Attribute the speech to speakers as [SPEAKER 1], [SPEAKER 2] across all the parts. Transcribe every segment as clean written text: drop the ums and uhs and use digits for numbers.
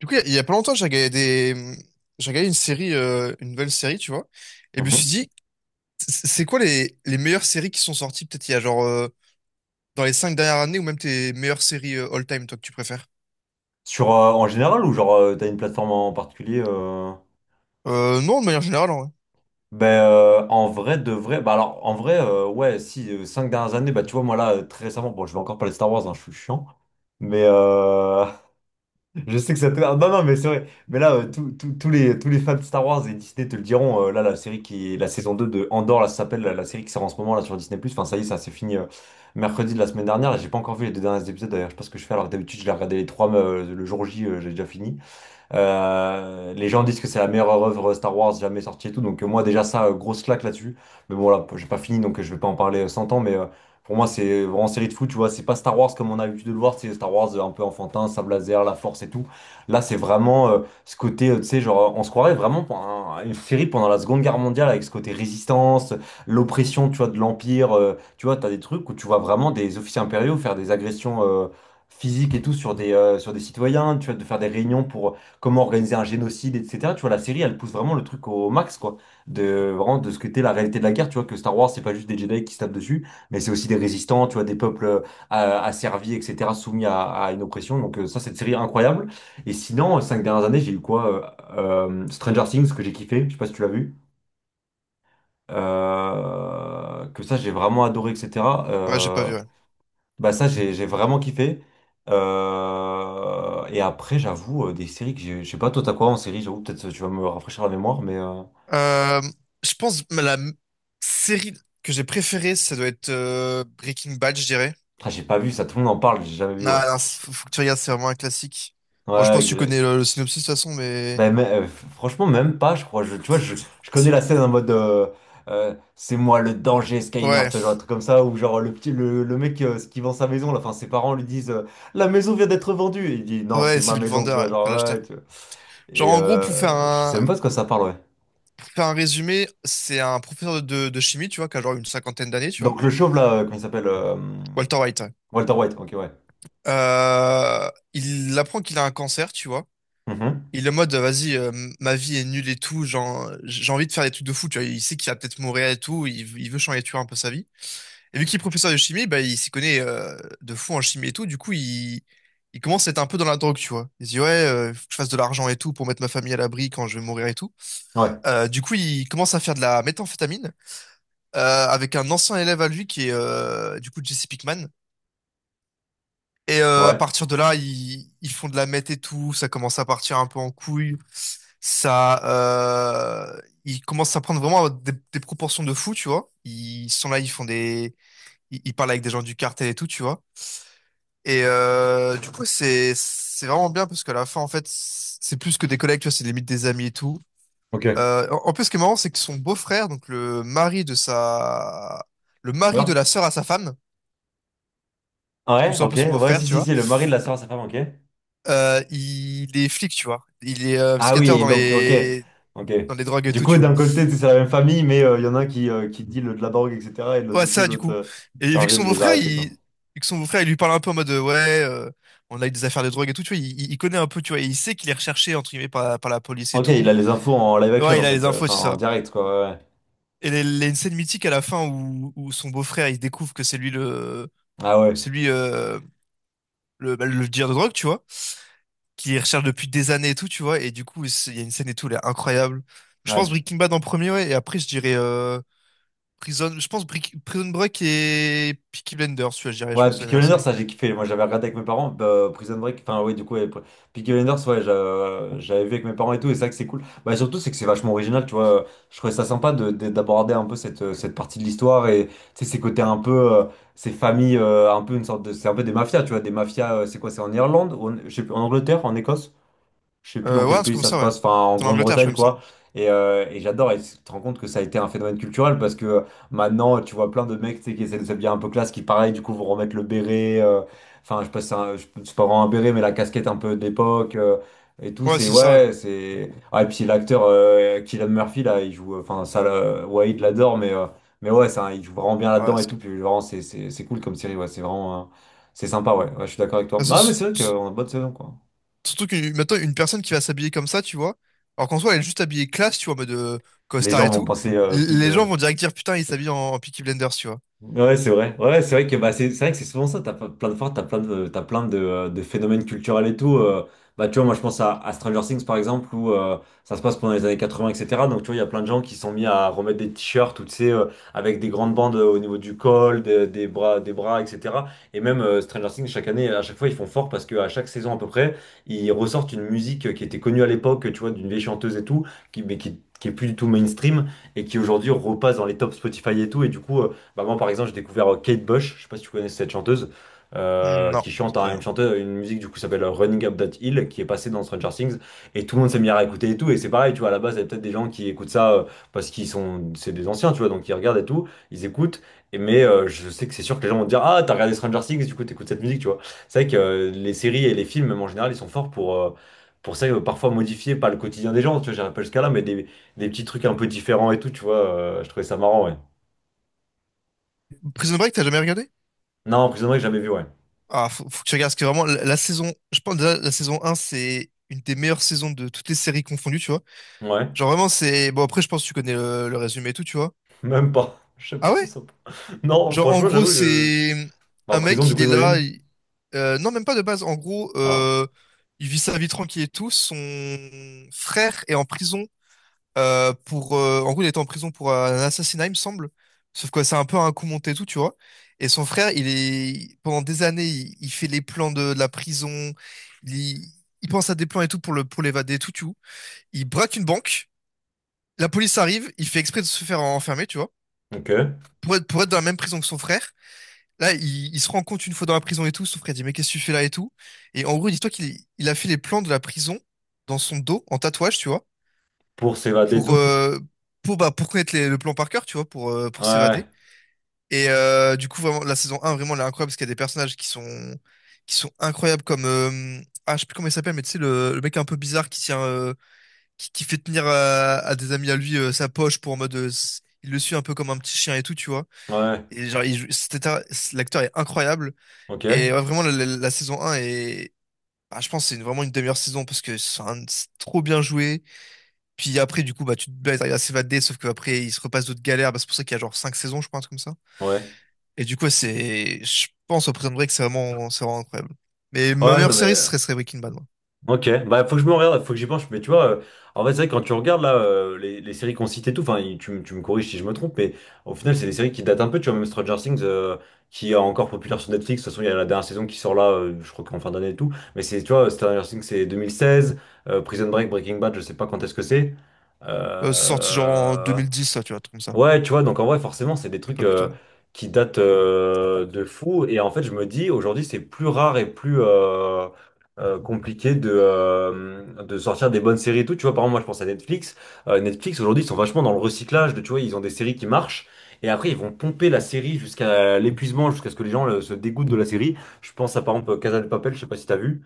[SPEAKER 1] Du coup, il y a pas longtemps, j'ai regardé j'ai regardé une série, une nouvelle série, tu vois. Et je me suis
[SPEAKER 2] Mhm.
[SPEAKER 1] dit, c'est quoi les meilleures séries qui sont sorties, peut-être il y a genre dans les cinq dernières années, ou même tes meilleures séries all-time, toi, que tu préfères?
[SPEAKER 2] Sur, en général ou genre t'as une plateforme en particulier
[SPEAKER 1] Non, de manière générale, en vrai.
[SPEAKER 2] Ben en vrai de vrai bah alors en vrai ouais si 5 dernières années bah tu vois moi là très récemment bon je vais encore parler de Star Wars hein, je suis chiant mais je sais que ça te ah, non non mais c'est vrai mais là tous les fans de Star Wars et Disney te le diront là la série qui est la saison 2 de Andor là ça s'appelle la, la série qui sort en ce moment là sur Disney+. Enfin ça y est ça c'est fini mercredi de la semaine dernière là j'ai pas encore vu les deux derniers épisodes d'ailleurs je sais pas ce que je fais alors que d'habitude je les regardais les 3 le jour J j'ai déjà fini. Les gens disent que c'est la meilleure œuvre Star Wars jamais sortie et tout. Donc moi déjà ça, grosse claque là-dessus. Mais bon là, j'ai pas fini donc je vais pas en parler 100 ans. Mais pour moi c'est vraiment série de fou, tu vois. C'est pas Star Wars comme on a l'habitude de le voir. C'est Star Wars un peu enfantin, sabre laser, la force et tout. Là c'est vraiment ce côté, tu sais, genre on se croirait vraiment pour une série pendant la Seconde Guerre mondiale avec ce côté résistance, l'oppression, tu vois, de l'Empire. Tu vois, t'as des trucs où tu vois vraiment des officiers impériaux faire des agressions, physiques et tout sur des citoyens, tu vois, de faire des réunions pour comment organiser un génocide, etc. Tu vois, la série, elle pousse vraiment le truc au max, quoi. De, vraiment, de ce que t'es la réalité de la guerre. Tu vois, que Star Wars, c'est pas juste des Jedi qui se tapent dessus, mais c'est aussi des résistants, tu vois, des peuples asservis, etc., soumis à une oppression. Donc, ça, cette série incroyable. Et sinon, cinq dernières années, j'ai eu quoi? Stranger Things, que j'ai kiffé. Je sais pas si tu l'as vu. Que ça, j'ai vraiment adoré, etc.
[SPEAKER 1] Ouais, j'ai pas
[SPEAKER 2] Euh,
[SPEAKER 1] vu, ouais.
[SPEAKER 2] Bah ça, j'ai vraiment kiffé. Et après, j'avoue, des séries que j'ai... Je sais pas, toi, t'as quoi en série? J'avoue, peut-être tu vas me rafraîchir la mémoire, mais...
[SPEAKER 1] Euh, je pense que série que j'ai préférée, ça doit être Breaking Bad, je dirais.
[SPEAKER 2] Ah, j'ai pas vu ça, tout le monde en parle, j'ai jamais vu,
[SPEAKER 1] Non,
[SPEAKER 2] ouais.
[SPEAKER 1] non, faut que tu regardes, c'est vraiment un classique. Bon, je
[SPEAKER 2] Ouais,
[SPEAKER 1] pense que tu
[SPEAKER 2] Grey.
[SPEAKER 1] connais le synopsis de toute façon, mais...
[SPEAKER 2] Ben, mais, franchement, même pas, je crois. Je, tu vois, je connais la scène en mode... c'est moi le danger, Skyner, tu
[SPEAKER 1] Ouais,
[SPEAKER 2] vois, genre un truc comme ça, où genre le petit, le mec qui vend sa maison, là, enfin, ses parents lui disent «La maison vient d'être vendue!» Et il dit «Non,
[SPEAKER 1] ouais,
[SPEAKER 2] c'est
[SPEAKER 1] c'est
[SPEAKER 2] ma
[SPEAKER 1] lui le
[SPEAKER 2] maison», tu
[SPEAKER 1] vendeur, ouais.
[SPEAKER 2] vois, genre,
[SPEAKER 1] Enfin, l'acheteur.
[SPEAKER 2] ouais, tu vois.
[SPEAKER 1] Genre,
[SPEAKER 2] Et
[SPEAKER 1] en gros,
[SPEAKER 2] je sais même pas de quoi ça parle, ouais.
[SPEAKER 1] pour faire un résumé, c'est un professeur de chimie, tu vois, qui a genre une cinquantaine d'années, tu vois.
[SPEAKER 2] Donc le chauve là, comment il s'appelle
[SPEAKER 1] Walter White, ouais.
[SPEAKER 2] Walter White, ok, ouais.
[SPEAKER 1] Il apprend qu'il a un cancer, tu vois.
[SPEAKER 2] Mhm.
[SPEAKER 1] Il est en mode, vas-y, ma vie est nulle et tout, genre, j'ai envie de faire des trucs de fou, tu vois. Il sait qu'il va peut-être mourir et tout, il veut changer, tu vois, un peu sa vie. Et vu qu'il est professeur de chimie, bah, il s'y connaît de fou en chimie et tout, du coup, il commence à être un peu dans la drogue, tu vois. Il se dit, ouais, faut que je fasse de l'argent et tout pour mettre ma famille à l'abri quand je vais mourir et tout.
[SPEAKER 2] Ouais,
[SPEAKER 1] Du coup, il commence à faire de la méthamphétamine, avec un ancien élève à lui qui est du coup Jesse Pinkman. Et à
[SPEAKER 2] ouais,
[SPEAKER 1] partir de là, ils font de la meth et tout, ça commence à partir un peu en couille, ça, euh, ils commencent à prendre vraiment des proportions de fou, tu vois. Ils sont là, ils, ils parlent avec des gens du cartel et tout, tu vois. Et du coup, c'est vraiment bien parce qu'à la fin, en fait, c'est plus que des collègues, tu vois, c'est limite des amis et tout.
[SPEAKER 2] ok.
[SPEAKER 1] En plus, ce qui est marrant, c'est que son beau-frère, le mari de
[SPEAKER 2] Sœur?
[SPEAKER 1] la sœur à sa femme. Nous
[SPEAKER 2] Ouais,
[SPEAKER 1] c'est un
[SPEAKER 2] ok,
[SPEAKER 1] peu son
[SPEAKER 2] ouais,
[SPEAKER 1] beau-frère,
[SPEAKER 2] si,
[SPEAKER 1] tu
[SPEAKER 2] si,
[SPEAKER 1] vois.
[SPEAKER 2] si, le mari de la sœur à sa femme, ok.
[SPEAKER 1] Il est flic, tu vois. Il est
[SPEAKER 2] Ah oui,
[SPEAKER 1] skateur
[SPEAKER 2] et donc, ok, ok.
[SPEAKER 1] dans les drogues et
[SPEAKER 2] Du
[SPEAKER 1] tout,
[SPEAKER 2] coup,
[SPEAKER 1] tu vois.
[SPEAKER 2] d'un côté, c'est la même famille, mais il y en a un qui dit le, de la drogue, etc. Et de l'autre
[SPEAKER 1] Ouais,
[SPEAKER 2] côté,
[SPEAKER 1] ça, du
[SPEAKER 2] l'autre
[SPEAKER 1] coup. Et
[SPEAKER 2] chargé de les arrêter, quoi.
[SPEAKER 1] vu que son beau-frère, il lui parle un peu en mode on a eu des affaires de drogue et tout, tu vois. Il connaît un peu, tu vois, et il sait qu'il est recherché entre guillemets par la police et
[SPEAKER 2] Ok, il a
[SPEAKER 1] tout.
[SPEAKER 2] les infos en live action,
[SPEAKER 1] Ouais, il
[SPEAKER 2] en
[SPEAKER 1] a
[SPEAKER 2] fait,
[SPEAKER 1] les infos, tu
[SPEAKER 2] enfin,
[SPEAKER 1] sais
[SPEAKER 2] en
[SPEAKER 1] ça.
[SPEAKER 2] direct, quoi, ouais, ouais.
[SPEAKER 1] Et il y a une scène mythique à la fin où son beau-frère, il découvre que
[SPEAKER 2] Ah ouais,
[SPEAKER 1] c'est lui le dealer de drogue, tu vois, qui les recherche depuis des années et tout, tu vois. Et du coup, il y a une scène et tout, elle est incroyable. Je pense
[SPEAKER 2] ouais.
[SPEAKER 1] Breaking Bad en premier, ouais. Et après, je dirais Prison. Je pense Brick- Prison Break et Peaky Blinders, tu vois, je dirais, je
[SPEAKER 2] Ouais,
[SPEAKER 1] pense, les
[SPEAKER 2] Peaky
[SPEAKER 1] meilleures
[SPEAKER 2] Blinders,
[SPEAKER 1] séries.
[SPEAKER 2] ça j'ai kiffé. Moi j'avais regardé avec mes parents, bah, Prison Break, enfin ouais, du coup, ouais, Peaky Blinders, ouais, j'avais vu avec mes parents et tout, et c'est vrai que c'est cool. Bah surtout, c'est que c'est vachement original, tu vois. Je trouvais ça sympa de, d'aborder un peu cette, cette partie de l'histoire et tu sais, ces côtés un peu, ces familles, un peu une sorte de. C'est un peu des mafias, tu vois, des mafias, c'est quoi, c'est en Irlande, ou je sais plus, en Angleterre, en Écosse? Je sais plus dans
[SPEAKER 1] Ouais,
[SPEAKER 2] quel
[SPEAKER 1] un truc
[SPEAKER 2] pays
[SPEAKER 1] comme
[SPEAKER 2] ça se
[SPEAKER 1] ça, ouais.
[SPEAKER 2] passe, enfin en
[SPEAKER 1] C'est en Angleterre, je crois,
[SPEAKER 2] Grande-Bretagne
[SPEAKER 1] il me semble.
[SPEAKER 2] quoi. Et j'adore, et tu te rends compte que ça a été un phénomène culturel parce que maintenant tu vois plein de mecs tu sais, qui essaient de s'habiller un peu classe, qui pareil du coup vont remettre le béret, enfin je sais pas si c'est c'est pas vraiment un béret mais la casquette un peu d'époque et tout,
[SPEAKER 1] Ouais,
[SPEAKER 2] c'est
[SPEAKER 1] c'est ça, ouais.
[SPEAKER 2] ouais, c'est. Ah, et puis l'acteur Cillian Murphy là, il joue, enfin ça, là, Wade l'adore, mais ouais, ça, il joue vraiment bien
[SPEAKER 1] Ouais,
[SPEAKER 2] là-dedans et
[SPEAKER 1] c'est
[SPEAKER 2] tout,
[SPEAKER 1] que-
[SPEAKER 2] puis vraiment c'est cool comme série, ouais, c'est vraiment. C'est sympa, ouais. Ouais, je suis d'accord avec toi.
[SPEAKER 1] Ah,
[SPEAKER 2] Non, mais c'est vrai
[SPEAKER 1] c'est-
[SPEAKER 2] qu'on a une bonne saison quoi.
[SPEAKER 1] Surtout que maintenant, une personne qui va s'habiller comme ça, tu vois. Alors qu'en soi, elle est juste habillée classe, tu vois, en mode
[SPEAKER 2] Les
[SPEAKER 1] costard
[SPEAKER 2] gens
[SPEAKER 1] et
[SPEAKER 2] vont
[SPEAKER 1] tout.
[SPEAKER 2] penser pique.
[SPEAKER 1] Les gens vont direct dire, putain, il s'habille en Peaky Blinders, tu vois.
[SPEAKER 2] Ouais, c'est vrai. Ouais, c'est vrai que bah, c'est vrai que c'est souvent ça. T'as pas- Plein de fois, t'as plein de phénomènes culturels et tout. Bah, tu vois, moi, je pense à Stranger Things, par exemple, où ça se passe pendant les années 80, etc. Donc, tu vois, il y a plein de gens qui sont mis à remettre des t-shirts, ou, tu sais, avec des grandes bandes au niveau du col, des bras, etc. Et même Stranger Things, chaque année, à chaque fois, ils font fort parce qu'à chaque saison, à peu près, ils ressortent une musique qui était connue à l'époque, tu vois, d'une vieille chanteuse et tout, qui, mais qui est plus du tout mainstream et qui aujourd'hui repasse dans les tops Spotify et tout. Et du coup, bah, moi, par exemple, j'ai découvert Kate Bush, je sais pas si tu connais cette chanteuse,
[SPEAKER 1] Hmm. Non,
[SPEAKER 2] qui
[SPEAKER 1] ça
[SPEAKER 2] chante
[SPEAKER 1] me dit
[SPEAKER 2] hein, une
[SPEAKER 1] rien.
[SPEAKER 2] chanteuse, une musique du coup s'appelle Running Up That Hill, qui est passée dans Stranger Things, et tout le monde s'est mis à écouter et tout. Et c'est pareil, tu vois, à la base, il y a peut-être des gens qui écoutent ça parce qu'ils sont, c'est des anciens, tu vois, donc ils regardent et tout, ils écoutent. Et mais je sais que c'est sûr que les gens vont te dire, ah, t'as regardé Stranger Things, du coup, t'écoutes cette musique, tu vois. C'est vrai que les séries et les films, même en général, ils sont forts pour. Pour ça, parfois modifier pas le quotidien des gens, tu vois, j'arrive pas jusqu'à là, mais des petits trucs un peu différents et tout, tu vois, je trouvais ça marrant, ouais.
[SPEAKER 1] Prison Break, t'as jamais regardé?
[SPEAKER 2] Non, Prison Break, j'ai jamais vu, ouais.
[SPEAKER 1] Ah, faut que tu regardes, parce que vraiment, la saison, je pense déjà, la saison 1, c'est une des meilleures saisons de toutes les séries confondues, tu vois.
[SPEAKER 2] Ouais,
[SPEAKER 1] Genre vraiment, c'est... Bon, après, je pense que tu connais le résumé et tout, tu vois.
[SPEAKER 2] même pas. Je sais pas
[SPEAKER 1] Ah
[SPEAKER 2] trop
[SPEAKER 1] ouais?
[SPEAKER 2] ça. Non,
[SPEAKER 1] Genre, en
[SPEAKER 2] franchement,
[SPEAKER 1] gros,
[SPEAKER 2] j'avoue, je.
[SPEAKER 1] c'est
[SPEAKER 2] Bah,
[SPEAKER 1] un
[SPEAKER 2] prison,
[SPEAKER 1] mec,
[SPEAKER 2] du
[SPEAKER 1] il
[SPEAKER 2] coup,
[SPEAKER 1] est là...
[SPEAKER 2] j'imagine.
[SPEAKER 1] il- non, même pas de base. En gros,
[SPEAKER 2] Ah.
[SPEAKER 1] il vit sa vie tranquille et tout. Son frère est en prison pour en gros il était en prison pour un assassinat il me semble, sauf que c'est un peu un coup monté et tout tu vois, et son frère il est pendant des années il fait les plans de la prison, il, il pense à des plans et tout pour le pour l'évader et tout tu vois, il braque une banque, la police arrive, il fait exprès de se faire enfermer tu vois,
[SPEAKER 2] Ok.
[SPEAKER 1] pour être dans la même prison que son frère. Là, il se rend compte une fois dans la prison et tout, son frère dit, mais qu'est-ce que tu fais là et tout. Et en gros, dis-toi qu'il il a fait les plans de la prison dans son dos, en tatouage, tu vois,
[SPEAKER 2] Pour s'évader et
[SPEAKER 1] pour,
[SPEAKER 2] tout.
[SPEAKER 1] euh, pour connaître le plan par cœur, tu vois, pour s'évader.
[SPEAKER 2] Ouais,
[SPEAKER 1] Et du coup, vraiment, la saison un vraiment, elle est incroyable parce qu'il y a des personnages qui sont incroyables comme... ah, je sais plus comment il s'appelle, mais tu sais, le mec un peu bizarre qui qui fait tenir à des amis à lui sa poche pour en mode... il le suit un peu comme un petit chien et tout, tu vois.
[SPEAKER 2] ouais,
[SPEAKER 1] Et genre, il joue- c'était un- l'acteur est incroyable.
[SPEAKER 2] ok.
[SPEAKER 1] Et ouais, vraiment, la saison un est... ah, je pense que c'est vraiment une des meilleures saisons parce que c'est trop bien joué. Puis après, du coup, bah, tu te bats, ils arrivent à s'évader, sauf qu'après, ils se repassent d'autres galères. Bah, c'est pour ça qu'il y a genre 5 saisons, je crois, un truc comme ça.
[SPEAKER 2] Ouais.
[SPEAKER 1] Et du coup, ouais, c'est... Je pense au Prison Break, c'est vraiment incroyable. Mais ma
[SPEAKER 2] Ouais,
[SPEAKER 1] meilleure
[SPEAKER 2] non mais.
[SPEAKER 1] série, serait Breaking Bad, moi.
[SPEAKER 2] Ok, bah faut que je me regarde, faut que j'y pense. Mais tu vois, en fait c'est vrai que quand tu regardes là les séries qu'on cite et tout, enfin tu, tu me corriges si je me trompe, mais au final c'est des séries qui datent un peu, tu vois, même Stranger Things qui est encore populaire sur Netflix, de toute façon il y a la dernière saison qui sort là, je crois qu'en fin d'année et tout, mais c'est, tu vois, Stranger Things c'est 2016, Prison Break, Breaking Bad, je sais pas quand est-ce que c'est.
[SPEAKER 1] C'est sorti genre en
[SPEAKER 2] Euh,
[SPEAKER 1] 2010, ça, tu vois, un truc comme ça.
[SPEAKER 2] Ouais, tu vois, donc en vrai, forcément, c'est des
[SPEAKER 1] Un
[SPEAKER 2] trucs
[SPEAKER 1] peu plus tôt, ouais.
[SPEAKER 2] qui datent de fou. Et en fait, je me dis, aujourd'hui, c'est plus rare et plus compliqué de sortir des bonnes séries et tout. Tu vois, par exemple, moi, je pense à Netflix. Netflix, aujourd'hui, ils sont vachement dans le recyclage. De, tu vois, ils ont des séries qui marchent. Et après, ils vont pomper la série jusqu'à l'épuisement, jusqu'à ce que les gens se dégoûtent de la série. Je pense à, par exemple, Casa de Papel, je sais pas si t'as vu.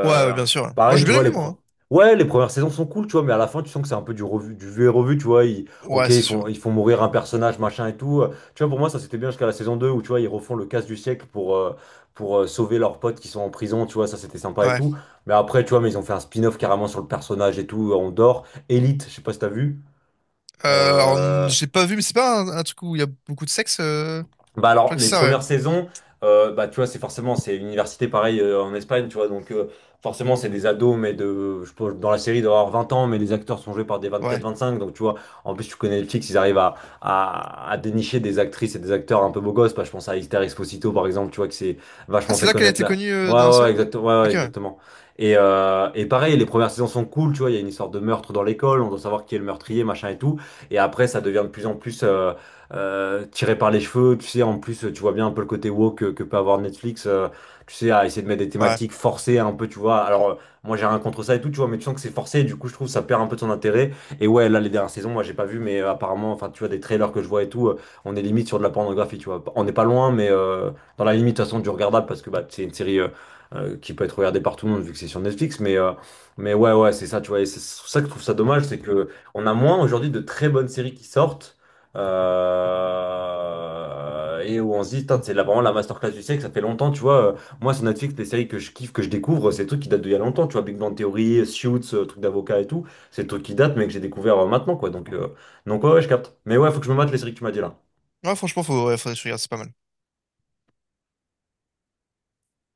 [SPEAKER 1] Ouais, ouais, bien sûr, ouais. Moi,
[SPEAKER 2] Pareil,
[SPEAKER 1] j'ai
[SPEAKER 2] tu
[SPEAKER 1] bien
[SPEAKER 2] vois,
[SPEAKER 1] aimé, moi, hein.
[SPEAKER 2] ouais, les premières saisons sont cool, tu vois, mais à la fin, tu sens que c'est un peu du revu, du vu et revu, tu vois. Ok,
[SPEAKER 1] Ouais, c'est sûr.
[SPEAKER 2] ils font mourir un personnage, machin et tout. Tu vois, pour moi, ça c'était bien jusqu'à la saison 2 où, tu vois, ils refont le casse du siècle pour sauver leurs potes qui sont en prison, tu vois, ça c'était sympa et
[SPEAKER 1] Ouais.
[SPEAKER 2] tout. Mais après, tu vois, mais ils ont fait un spin-off carrément sur le personnage et tout, on dort. Elite, je sais pas si t'as vu.
[SPEAKER 1] Alors,
[SPEAKER 2] Euh,
[SPEAKER 1] j'ai pas vu, mais c'est pas un truc où il y a beaucoup de sexe, euh... Je
[SPEAKER 2] Bah alors,
[SPEAKER 1] crois que
[SPEAKER 2] les
[SPEAKER 1] c'est ça, ouais.
[SPEAKER 2] premières saisons, bah, tu vois, c'est forcément, c'est université pareil en Espagne, tu vois, donc forcément, c'est des ados, mais de, je pense, dans la série, d'avoir 20 ans, mais les acteurs sont joués par des vingt quatre
[SPEAKER 1] Ouais.
[SPEAKER 2] vingt cinq donc tu vois, en plus, tu connais Netflix, ils arrivent à dénicher des actrices et des acteurs un peu beaux gosses, bah, je pense à Esther Exposito, par exemple, tu vois, que c'est
[SPEAKER 1] Ah,
[SPEAKER 2] vachement
[SPEAKER 1] c'est
[SPEAKER 2] fait
[SPEAKER 1] là qu'elle a
[SPEAKER 2] connaître
[SPEAKER 1] été
[SPEAKER 2] là.
[SPEAKER 1] connue
[SPEAKER 2] Ouais,
[SPEAKER 1] dans la
[SPEAKER 2] ouais,
[SPEAKER 1] série?
[SPEAKER 2] exactement, ouais, ouais,
[SPEAKER 1] Ok, ouais.
[SPEAKER 2] exactement. Et pareil, les premières saisons sont cool, tu vois, il y a une histoire de meurtre dans l'école, on doit savoir qui est le meurtrier, machin et tout, et après, ça devient de plus en plus. Tiré par les cheveux. Tu sais, en plus, tu vois bien un peu le côté woke que peut avoir Netflix. Tu sais, à essayer de mettre des
[SPEAKER 1] Ouais.
[SPEAKER 2] thématiques forcées un peu, tu vois. Alors, moi, j'ai rien contre ça et tout, tu vois, mais tu sens que c'est forcé. Et du coup, je trouve que ça perd un peu de son intérêt. Et ouais, là, les dernières saisons, moi, j'ai pas vu, mais apparemment, enfin, tu vois, des trailers que je vois et tout, on est limite sur de la pornographie, tu vois. On n'est pas loin, mais dans la limite, de toute façon, du regardable parce que bah, c'est une série. Qui peut être regardée par tout le monde vu que c'est sur Netflix mais ouais ouais c'est ça tu vois et c'est ça que je trouve ça dommage c'est que on a moins aujourd'hui de très bonnes séries qui sortent et où on se dit, Putain, c'est là vraiment la masterclass du siècle, ça fait longtemps, tu vois. Moi, sur Netflix, les séries que je kiffe, que je découvre, c'est des trucs qui datent d'il y a longtemps, tu vois. Big Bang Theory, Suits, trucs d'avocat et tout, c'est des trucs qui datent, mais que j'ai découvert maintenant, quoi. Donc ouais, ouais, je capte. Mais ouais, faut que je me mate les séries que tu m'as dit là.
[SPEAKER 1] Ouais, franchement, faudrait que je regarde, c'est pas mal.